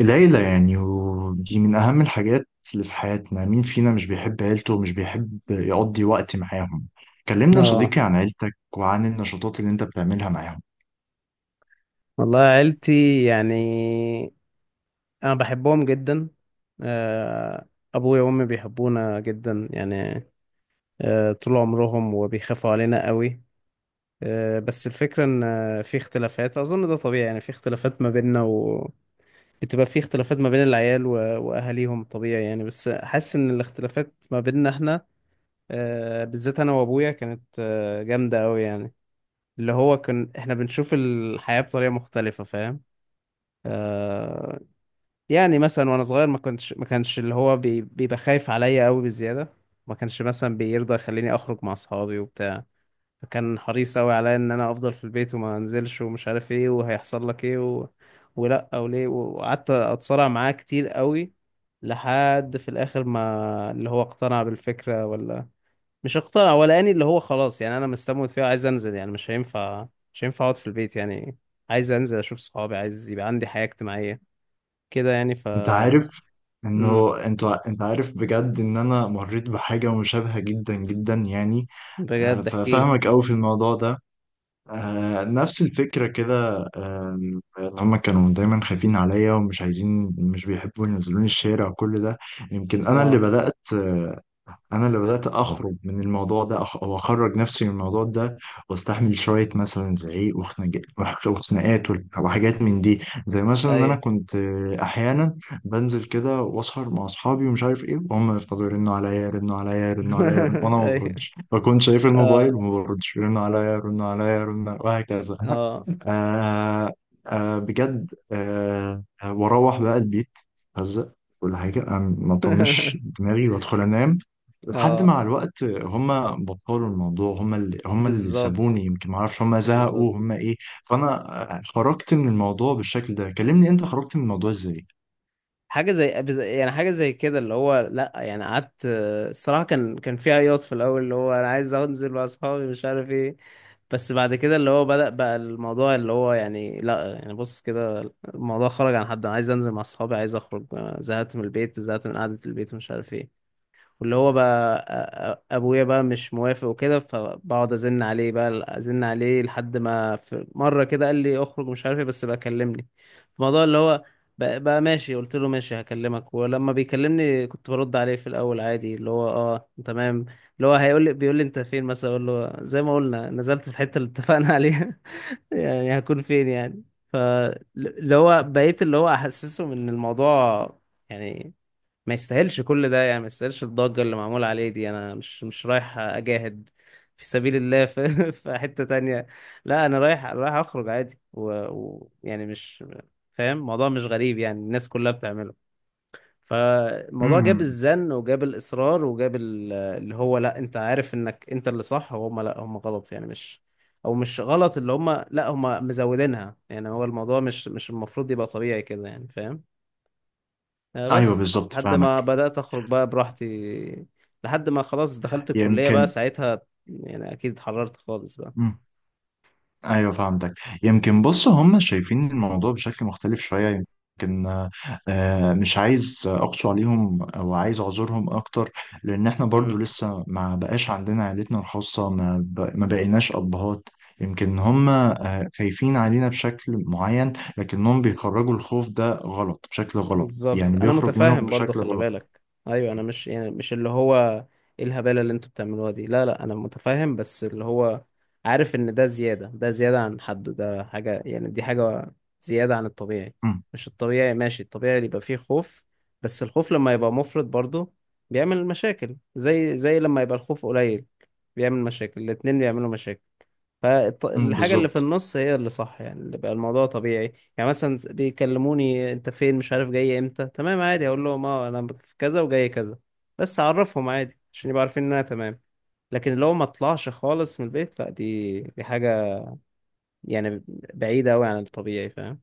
العيلة يعني ودي من أهم الحاجات اللي في حياتنا. مين فينا مش بيحب عيلته ومش بيحب يقضي وقت معاهم؟ كلمنا يا اه. صديقي عن عيلتك وعن النشاطات اللي أنت بتعملها معاهم. والله عيلتي يعني انا بحبهم جدا. آه، ابويا وامي بيحبونا جدا يعني. طول عمرهم وبيخافوا علينا قوي. بس الفكرة ان في اختلافات، اظن ده طبيعي يعني، في اختلافات ما بيننا و بتبقى في اختلافات ما بين العيال واهاليهم، طبيعي يعني، بس حاسس ان الاختلافات ما بيننا احنا، بالذات انا وابويا، كانت جامدة قوي يعني، اللي هو كان احنا بنشوف الحياة بطريقة مختلفة، فاهم. آه، يعني مثلا وانا صغير ما كانش اللي هو بيبقى خايف عليا قوي بزياده. ما كانش مثلا بيرضى يخليني اخرج مع اصحابي وبتاع، فكان حريص قوي عليا ان انا افضل في البيت وما انزلش ومش عارف ايه وهيحصل لك ايه ولا او ليه، وقعدت اتصارع معاه كتير قوي لحد في الاخر ما اللي هو اقتنع بالفكره، ولا مش اقتنع، ولا اني اللي هو خلاص، يعني انا مستموت فيها عايز انزل، يعني مش هينفع اقعد في البيت يعني، عايز انزل اشوف صحابي، عايز يبقى عندي حياه اجتماعيه كده يعني أنت عارف امم إنه أنت عارف بجد إن أنا مريت بحاجة مشابهة جدا جدا يعني. بجد احكي لي. ففاهمك أوي في الموضوع ده. نفس الفكرة كده. إن هما كانوا دايما خايفين عليا ومش عايزين، مش بيحبوا ينزلوني الشارع وكل ده. يمكن أنا اللي اه. بدأت انا اللي بدات اخرج من الموضوع ده، أخ- او اخرج نفسي من الموضوع ده واستحمل شويه مثلا زعيق وخناقات وحاجات من دي، زي مثلا ان انا ايوه. كنت احيانا بنزل كده واسهر مع اصحابي ومش عارف ايه، وهم يفضلوا يرنوا عليا يرنوا عليا يرنوا عليا وانا ما ايوه. بردش، بكون شايف الموبايل اه. وما بردش، يرنوا عليا يرنوا عليا يرنوا عليا وهكذا. اه. آه بجد واروح بقى البيت هزق ولا حاجه، ما اطنش دماغي وادخل انام، لحد اه. مع الوقت هم بطلوا الموضوع، هم اللي بالظبط. سابوني، يمكن ما اعرفش هم بالظبط. زهقوا هم ايه. فانا خرجت من الموضوع بالشكل ده. كلمني انت خرجت من الموضوع ازاي؟ يعني حاجه زي كده اللي هو، لا يعني، قعدت الصراحه، كان في عياط في الاول اللي هو انا عايز انزل مع اصحابي مش عارف ايه، بس بعد كده اللي هو بدأ بقى الموضوع اللي هو يعني، لا يعني، بص كده الموضوع خرج عن حد انا عايز انزل مع اصحابي عايز اخرج، أنا زهقت من البيت وزهقت من قعده البيت ومش عارف ايه، واللي هو بقى ابويا بقى مش موافق وكده، فبقعد ازن عليه بقى ازن عليه لحد ما في مره كده قال لي اخرج مش عارف ايه، بس بقى كلمني في الموضوع اللي هو بقى ماشي. قلت له ماشي هكلمك، ولما بيكلمني كنت برد عليه في الاول عادي اللي هو اه تمام، اللي هو هيقول لي بيقول لي انت فين مثلا، اقول له زي ما قلنا نزلت في الحته اللي اتفقنا عليها. يعني هكون فين يعني. فاللي هو بقيت اللي هو احسسه ان الموضوع يعني ما يستاهلش كل ده، يعني ما يستاهلش الضجة اللي معمولة عليه دي، انا مش رايح اجاهد في سبيل الله في, في حتة تانية. لا انا رايح رايح اخرج عادي، ويعني يعني مش فاهم، الموضوع مش غريب يعني، الناس كلها بتعمله. فالموضوع جاب امم. الزن وجاب الإصرار وجاب اللي هو لا انت عارف انك انت اللي صح وهم لا هم غلط يعني، مش او مش غلط، اللي هم لا هم مزودينها يعني، هو الموضوع مش المفروض يبقى طبيعي كده يعني، فاهم. ايوه، بس بالظبط، لحد ما فاهمك. بدأت أخرج بقى براحتي، لحد ما خلاص دخلت الكلية بقى يمكن. ساعتها، يعني أكيد اتحررت خالص. ايوه، فهمتك. يمكن بص، هم شايفين الموضوع بشكل مختلف شويه. يمكن مش عايز اقسو عليهم، او عايز اعذرهم اكتر، لان احنا برضو بقى لسه ما بقاش عندنا عيلتنا الخاصه، ما بقيناش ابهات. يمكن هم خايفين علينا بشكل معين، لكنهم بيخرجوا الخوف ده غلط، بشكل غلط، بالظبط، يعني انا بيخرج منهم متفاهم برضو بشكل خلي غلط. بالك. ايوه، م- انا مش يعني، مش اللي هو ايه الهبالة اللي انتوا بتعملوها دي، لا لا انا متفاهم، بس اللي هو عارف ان ده زيادة، ده زيادة عن حده، ده حاجة يعني، دي حاجة زيادة عن الطبيعي، م- مش الطبيعي ماشي، الطبيعي اللي يبقى فيه خوف، بس الخوف لما يبقى مفرط برضو بيعمل مشاكل، زي لما يبقى الخوف قليل بيعمل مشاكل، الاتنين بيعملوا مشاكل. م، فالحاجة اللي في بالظبط. النص هي اللي صح يعني، اللي بقى الموضوع طبيعي يعني، مثلا بيكلموني انت فين، مش عارف جاي امتى، تمام عادي اقول لهم اه انا في كذا وجاي كذا، بس اعرفهم عادي عشان يبقوا عارفين ان انا تمام، لكن اللي هو ما اطلعش خالص من البيت، لا دي حاجة يعني بعيدة قوي عن الطبيعي، فاهم.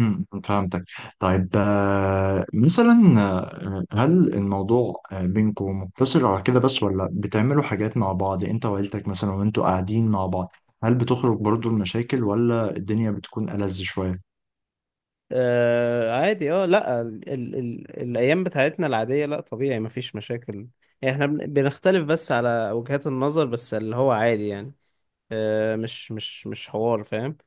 امم. فهمتك. طيب، مثلا، هل الموضوع بينكم مقتصر على كده بس، ولا بتعملوا حاجات مع بعض انت وعيلتك، مثلا وانتوا قاعدين مع بعض؟ هل بتخرج برضو المشاكل، ولا الدنيا بتكون ألذ شوية؟ آه عادي، اه، لا، ال ال ال الايام بتاعتنا العادية لا طبيعي مفيش مشاكل يعني، احنا بنختلف بس على وجهات النظر، بس اللي هو عادي يعني، مش حوار، فاهم.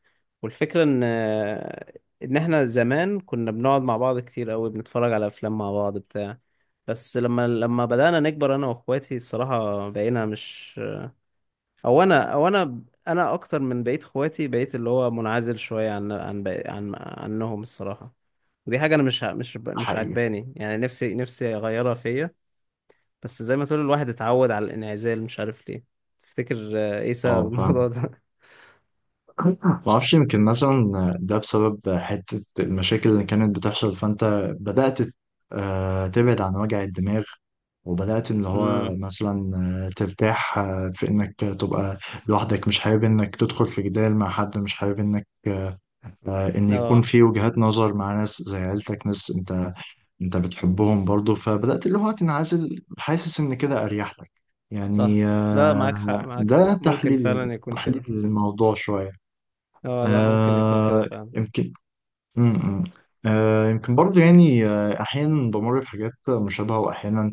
والفكرة ان ان احنا زمان كنا بنقعد مع بعض كتير قوي، بنتفرج على افلام مع بعض بتاع، بس لما بدأنا نكبر انا واخواتي الصراحة بقينا مش او انا او انا انا اكتر من بقية اخواتي بقيت اللي هو منعزل شوية عن عن بقي- عن عنهم الصراحة. ودي حاجة انا مش ع- مش ب- مش حقيقة. عجباني يعني، نفسي نفسي اغيرها فيا، بس زي ما تقول الواحد اتعود على الانعزال، مش عارف ليه. تفتكر ايه سبب اه، فاهمك. الموضوع ده؟ ما اعرفش، يمكن مثلا ده بسبب حتة المشاكل اللي كانت بتحصل، فانت بدأت تبعد عن وجع الدماغ، وبدأت اللي هو مثلا ترتاح في انك تبقى لوحدك، مش حابب انك تدخل في جدال مع حد، مش حابب انك ان يكون اه. في وجهات نظر مع ناس زي عيلتك، ناس انت بتحبهم برضو، فبدأت اللي هو تنعزل، حاسس ان كده اريح لك. صح. يعني لا معاك حق، معاك حق، ده ممكن تحليلي، فعلا يكون تحليل كده. الموضوع شوية. اه لا، ممكن يكون كده فعلا. يمكن. م- م. يمكن برضو يعني، أحيانا بمر بحاجات مشابهة، وأحيانا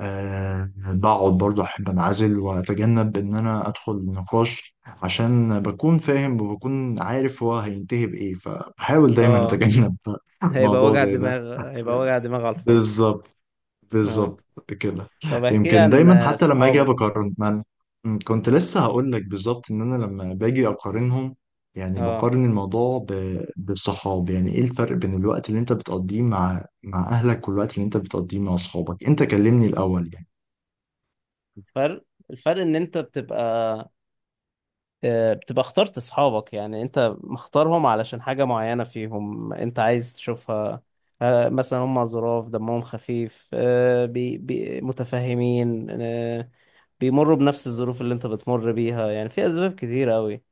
بقعد برضو، أحب أنعزل وأتجنب إن أنا أدخل نقاش، عشان بكون فاهم وبكون عارف هو هينتهي بإيه، فبحاول دايما اه، أتجنب هيبقى موضوع وجع زي ده. دماغ، هيبقى وجع دماغ على الفاضي. بالظبط. اه. بالظبط كده. طب احكي لي يمكن عن دايما حتى لما اجي صحابك. بقارن، ما أنا- م، كنت لسه هقول لك بالظبط، ان انا لما باجي اقارنهم، يعني اه، بقارن الموضوع بالصحاب، يعني ايه الفرق بين الوقت اللي انت بتقضيه مع اهلك، والوقت اللي انت بتقضيه مع اصحابك؟ انت كلمني الاول يعني. الفرق، الفرق ان انت بتبقى بتبقى اخترت صحابك، يعني انت مختارهم علشان حاجة معينة فيهم انت عايز تشوفها، مثلا هم ظراف دمهم خفيف، بي بي متفهمين، بيمروا بنفس الظروف اللي انت بتمر بيها، يعني في اسباب كتيرة قوي،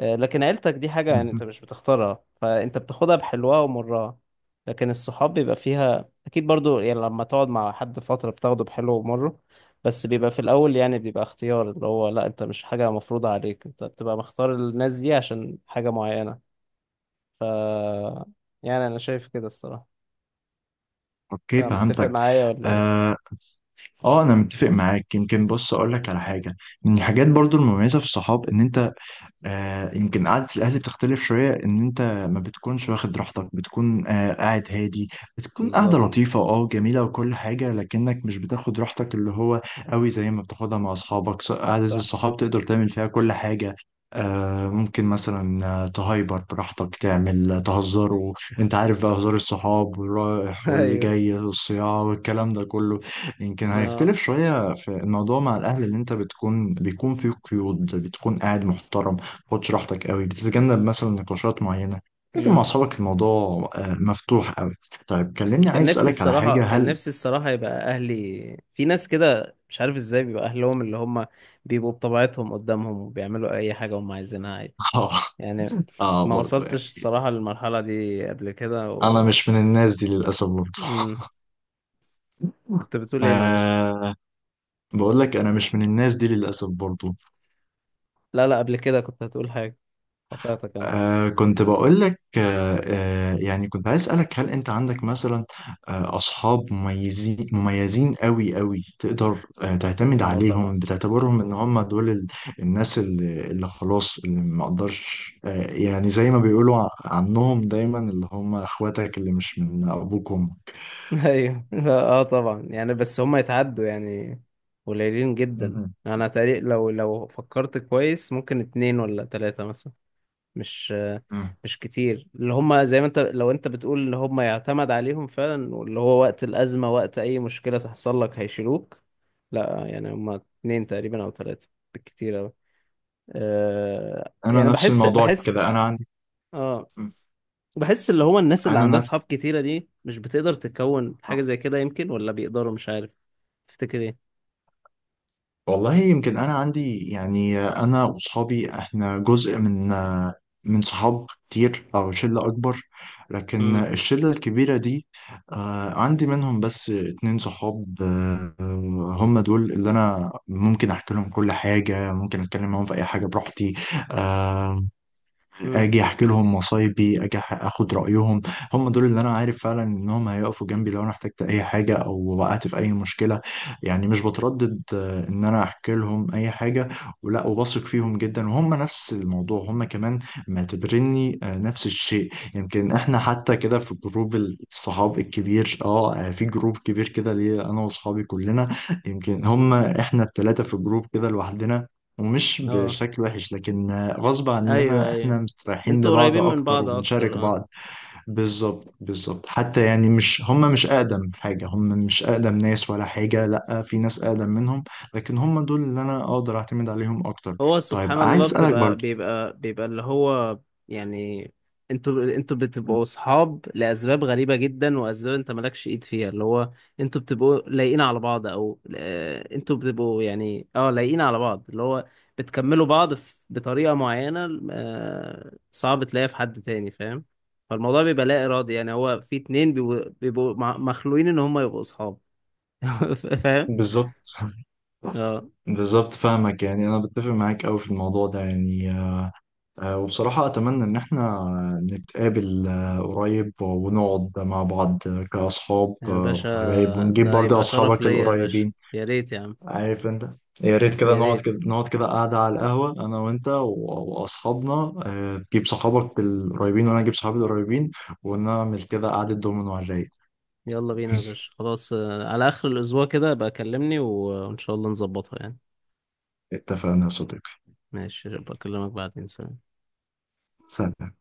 لكن عيلتك دي حاجة يعني انت مهم. مش بتختارها، فانت بتاخدها بحلوها ومرها، لكن الصحاب بيبقى فيها اكيد برضو، يعني لما تقعد مع حد فترة بتاخده بحلو ومره، بس بيبقى في الاول يعني، بيبقى اختيار، اللي هو لا، انت مش حاجة مفروضة عليك، انت بتبقى مختار الناس دي عشان حاجة معينة، يعني انا شايف كده الصراحة. انت اوكي، متفق فهمتك. معايا ولا ايه؟ اه انا متفق معاك، يمكن بص اقول لك على حاجه. من الحاجات مم. برضو المميزه في الصحاب ان انت، يمكن قعدة الأهل بتختلف شوية، إن أنت ما بتكونش واخد راحتك، بتكون قاعد هادي، بتكون قاعدة بالظبط. لطيفة أه جميلة وكل حاجة، لكنك مش بتاخد راحتك اللي هو قوي زي ما بتاخدها مع أصحابك. قعدة صح. الصحاب تقدر تعمل فيها كل حاجة، ممكن مثلا تهايبر براحتك، تعمل تهزر، وانت عارف بقى هزار الصحاب، والرايح واللي ايوه. جاي والصياعة والكلام ده كله. يمكن اه. هيختلف شوية في الموضوع مع الأهل، اللي انت بتكون بيكون فيه قيود، بتكون قاعد محترم، خدش راحتك قوي، بتتجنب مثلا نقاشات معينة، لكن مع مم. أصحابك الموضوع مفتوح قوي. طيب كلمني، كان عايز نفسي أسألك على الصراحة، حاجة، كان نفسي الصراحة يبقى أهلي، في ناس كده مش عارف ازاي بيبقى أهلهم، اللي هم بيبقوا بطبيعتهم قدامهم وبيعملوا أي حاجة هم عايزينها عادي آه يعني، ما برضه وصلتش يعني، الصراحة للمرحلة دي قبل كده أنا مش من الناس دي للأسف برضه. مم. كنت بتقول ايه معلش؟ آه بقول لك، أنا مش من الناس دي للأسف برضه. لا لا، قبل كده كنت هتقول حاجة، قطعتك أنا. كنت بقول لك، يعني كنت عايز أسألك، هل أنت عندك مثلا أصحاب مميزين مميزين قوي قوي، تقدر تعتمد اه عليهم، طبعا. بتعتبرهم إن هم دول الناس اللي خلاص، اللي ما أقدرش يعني، زي ما بيقولوا عنهم دايما، اللي هم إخواتك اللي مش من أبوك وأمك. ايوه لا، اه طبعا يعني، بس هم يتعدوا يعني، قليلين جدا. مهم. أنا تقريبا لو فكرت كويس ممكن اتنين ولا تلاتة مثلا، مش مم. مش كتير اللي هم زي ما انت لو انت بتقول اللي هم يعتمد عليهم فعلا، واللي هو وقت الأزمة وقت أي مشكلة تحصل لك هيشيلوك، لا يعني هم اتنين تقريبا أو تلاتة، بالكتير أوي. أه أنا يعني نفس بحس الموضوع بحس كده، أنا عندي. اه، مم. بحس اللي هو الناس اللي أنا عندها نفس. أصحاب كتيرة دي مش بتقدر تكون حاجة آه. زي كده يمكن، ولا بيقدروا مش عارف. تفتكر ايه؟ والله يمكن، انا عندي يعني، انا واصحابي احنا جزء من صحاب كتير، او شله اكبر، لكن امم الشله الكبيره دي عندي منهم بس اتنين صحاب، هم دول اللي انا ممكن احكي لهم كل حاجه، ممكن اتكلم معاهم في اي حاجه براحتي، آه، امم. اجي احكي لهم مصايبي، اجي اخد رايهم. هم دول اللي انا عارف فعلا انهم هيقفوا جنبي لو انا احتجت اي حاجه، او وقعت في اي مشكله، يعني مش بتردد ان انا احكي لهم اي حاجه ولا، وبثق فيهم جدا، وهم نفس الموضوع، هم كمان معتبريني نفس الشيء. يمكن احنا حتى كده في جروب الصحاب الكبير، اه في جروب كبير كده ليه، انا واصحابي كلنا، يمكن هم احنا الثلاثه في جروب كده لوحدنا، ومش اه. بشكل وحش، لكن غصب ايوه، عننا ايوه، احنا مستريحين انتوا لبعض قريبين من اكتر، بعض اكتر وبنشارك آه. بعض. بالظبط بالظبط، حتى يعني، مش هم مش اقدم حاجة، هم مش اقدم ناس ولا حاجة، لا في ناس اقدم منهم، لكن هم دول اللي انا اقدر اعتمد عليهم اكتر. هو سبحان طيب عايز الله، اسألك بتبقى برضو. بيبقى بيبقى اللي هو يعني، انتوا بتبقوا اصحاب لاسباب غريبه جدا، واسباب انت مالكش ايد فيها اللي هو، انتوا بتبقوا لايقين على بعض، او انتوا بتبقوا يعني اه لايقين على بعض، اللي هو بتكملوا بعض بطريقه معينه، صعب تلاقيها في حد تاني، فاهم. فالموضوع بيبقى لا ارادي يعني، هو في اتنين بيبقوا بيبقوا مخلوقين ان هم يبقوا اصحاب. فاهم. بالظبط اه. بالظبط فاهمك، يعني انا بتفق معاك قوي في الموضوع ده، يعني وبصراحة أتمنى إن إحنا نتقابل قريب، ونقعد مع بعض كأصحاب يا باشا، وحبايب، ونجيب ده برضه هيبقى شرف أصحابك ليا يا باشا، القريبين. يا ريت يا عم، عارف أنت، يا ريت كده يا نقعد، ريت. كده نقعد، كده قاعدة على القهوة أنا وأنت وأصحابنا، تجيب صحابك القريبين، وأنا أجيب صحابي القريبين، ونعمل كده قعدة دومينو على الرايق. يلا بينا يا باشا خلاص، على آخر الأسبوع كده بقى كلمني وإن شاء الله نظبطها يعني. اتفقنا يا صديقي. ماشي بكلمك بعدين، سلام. سلام.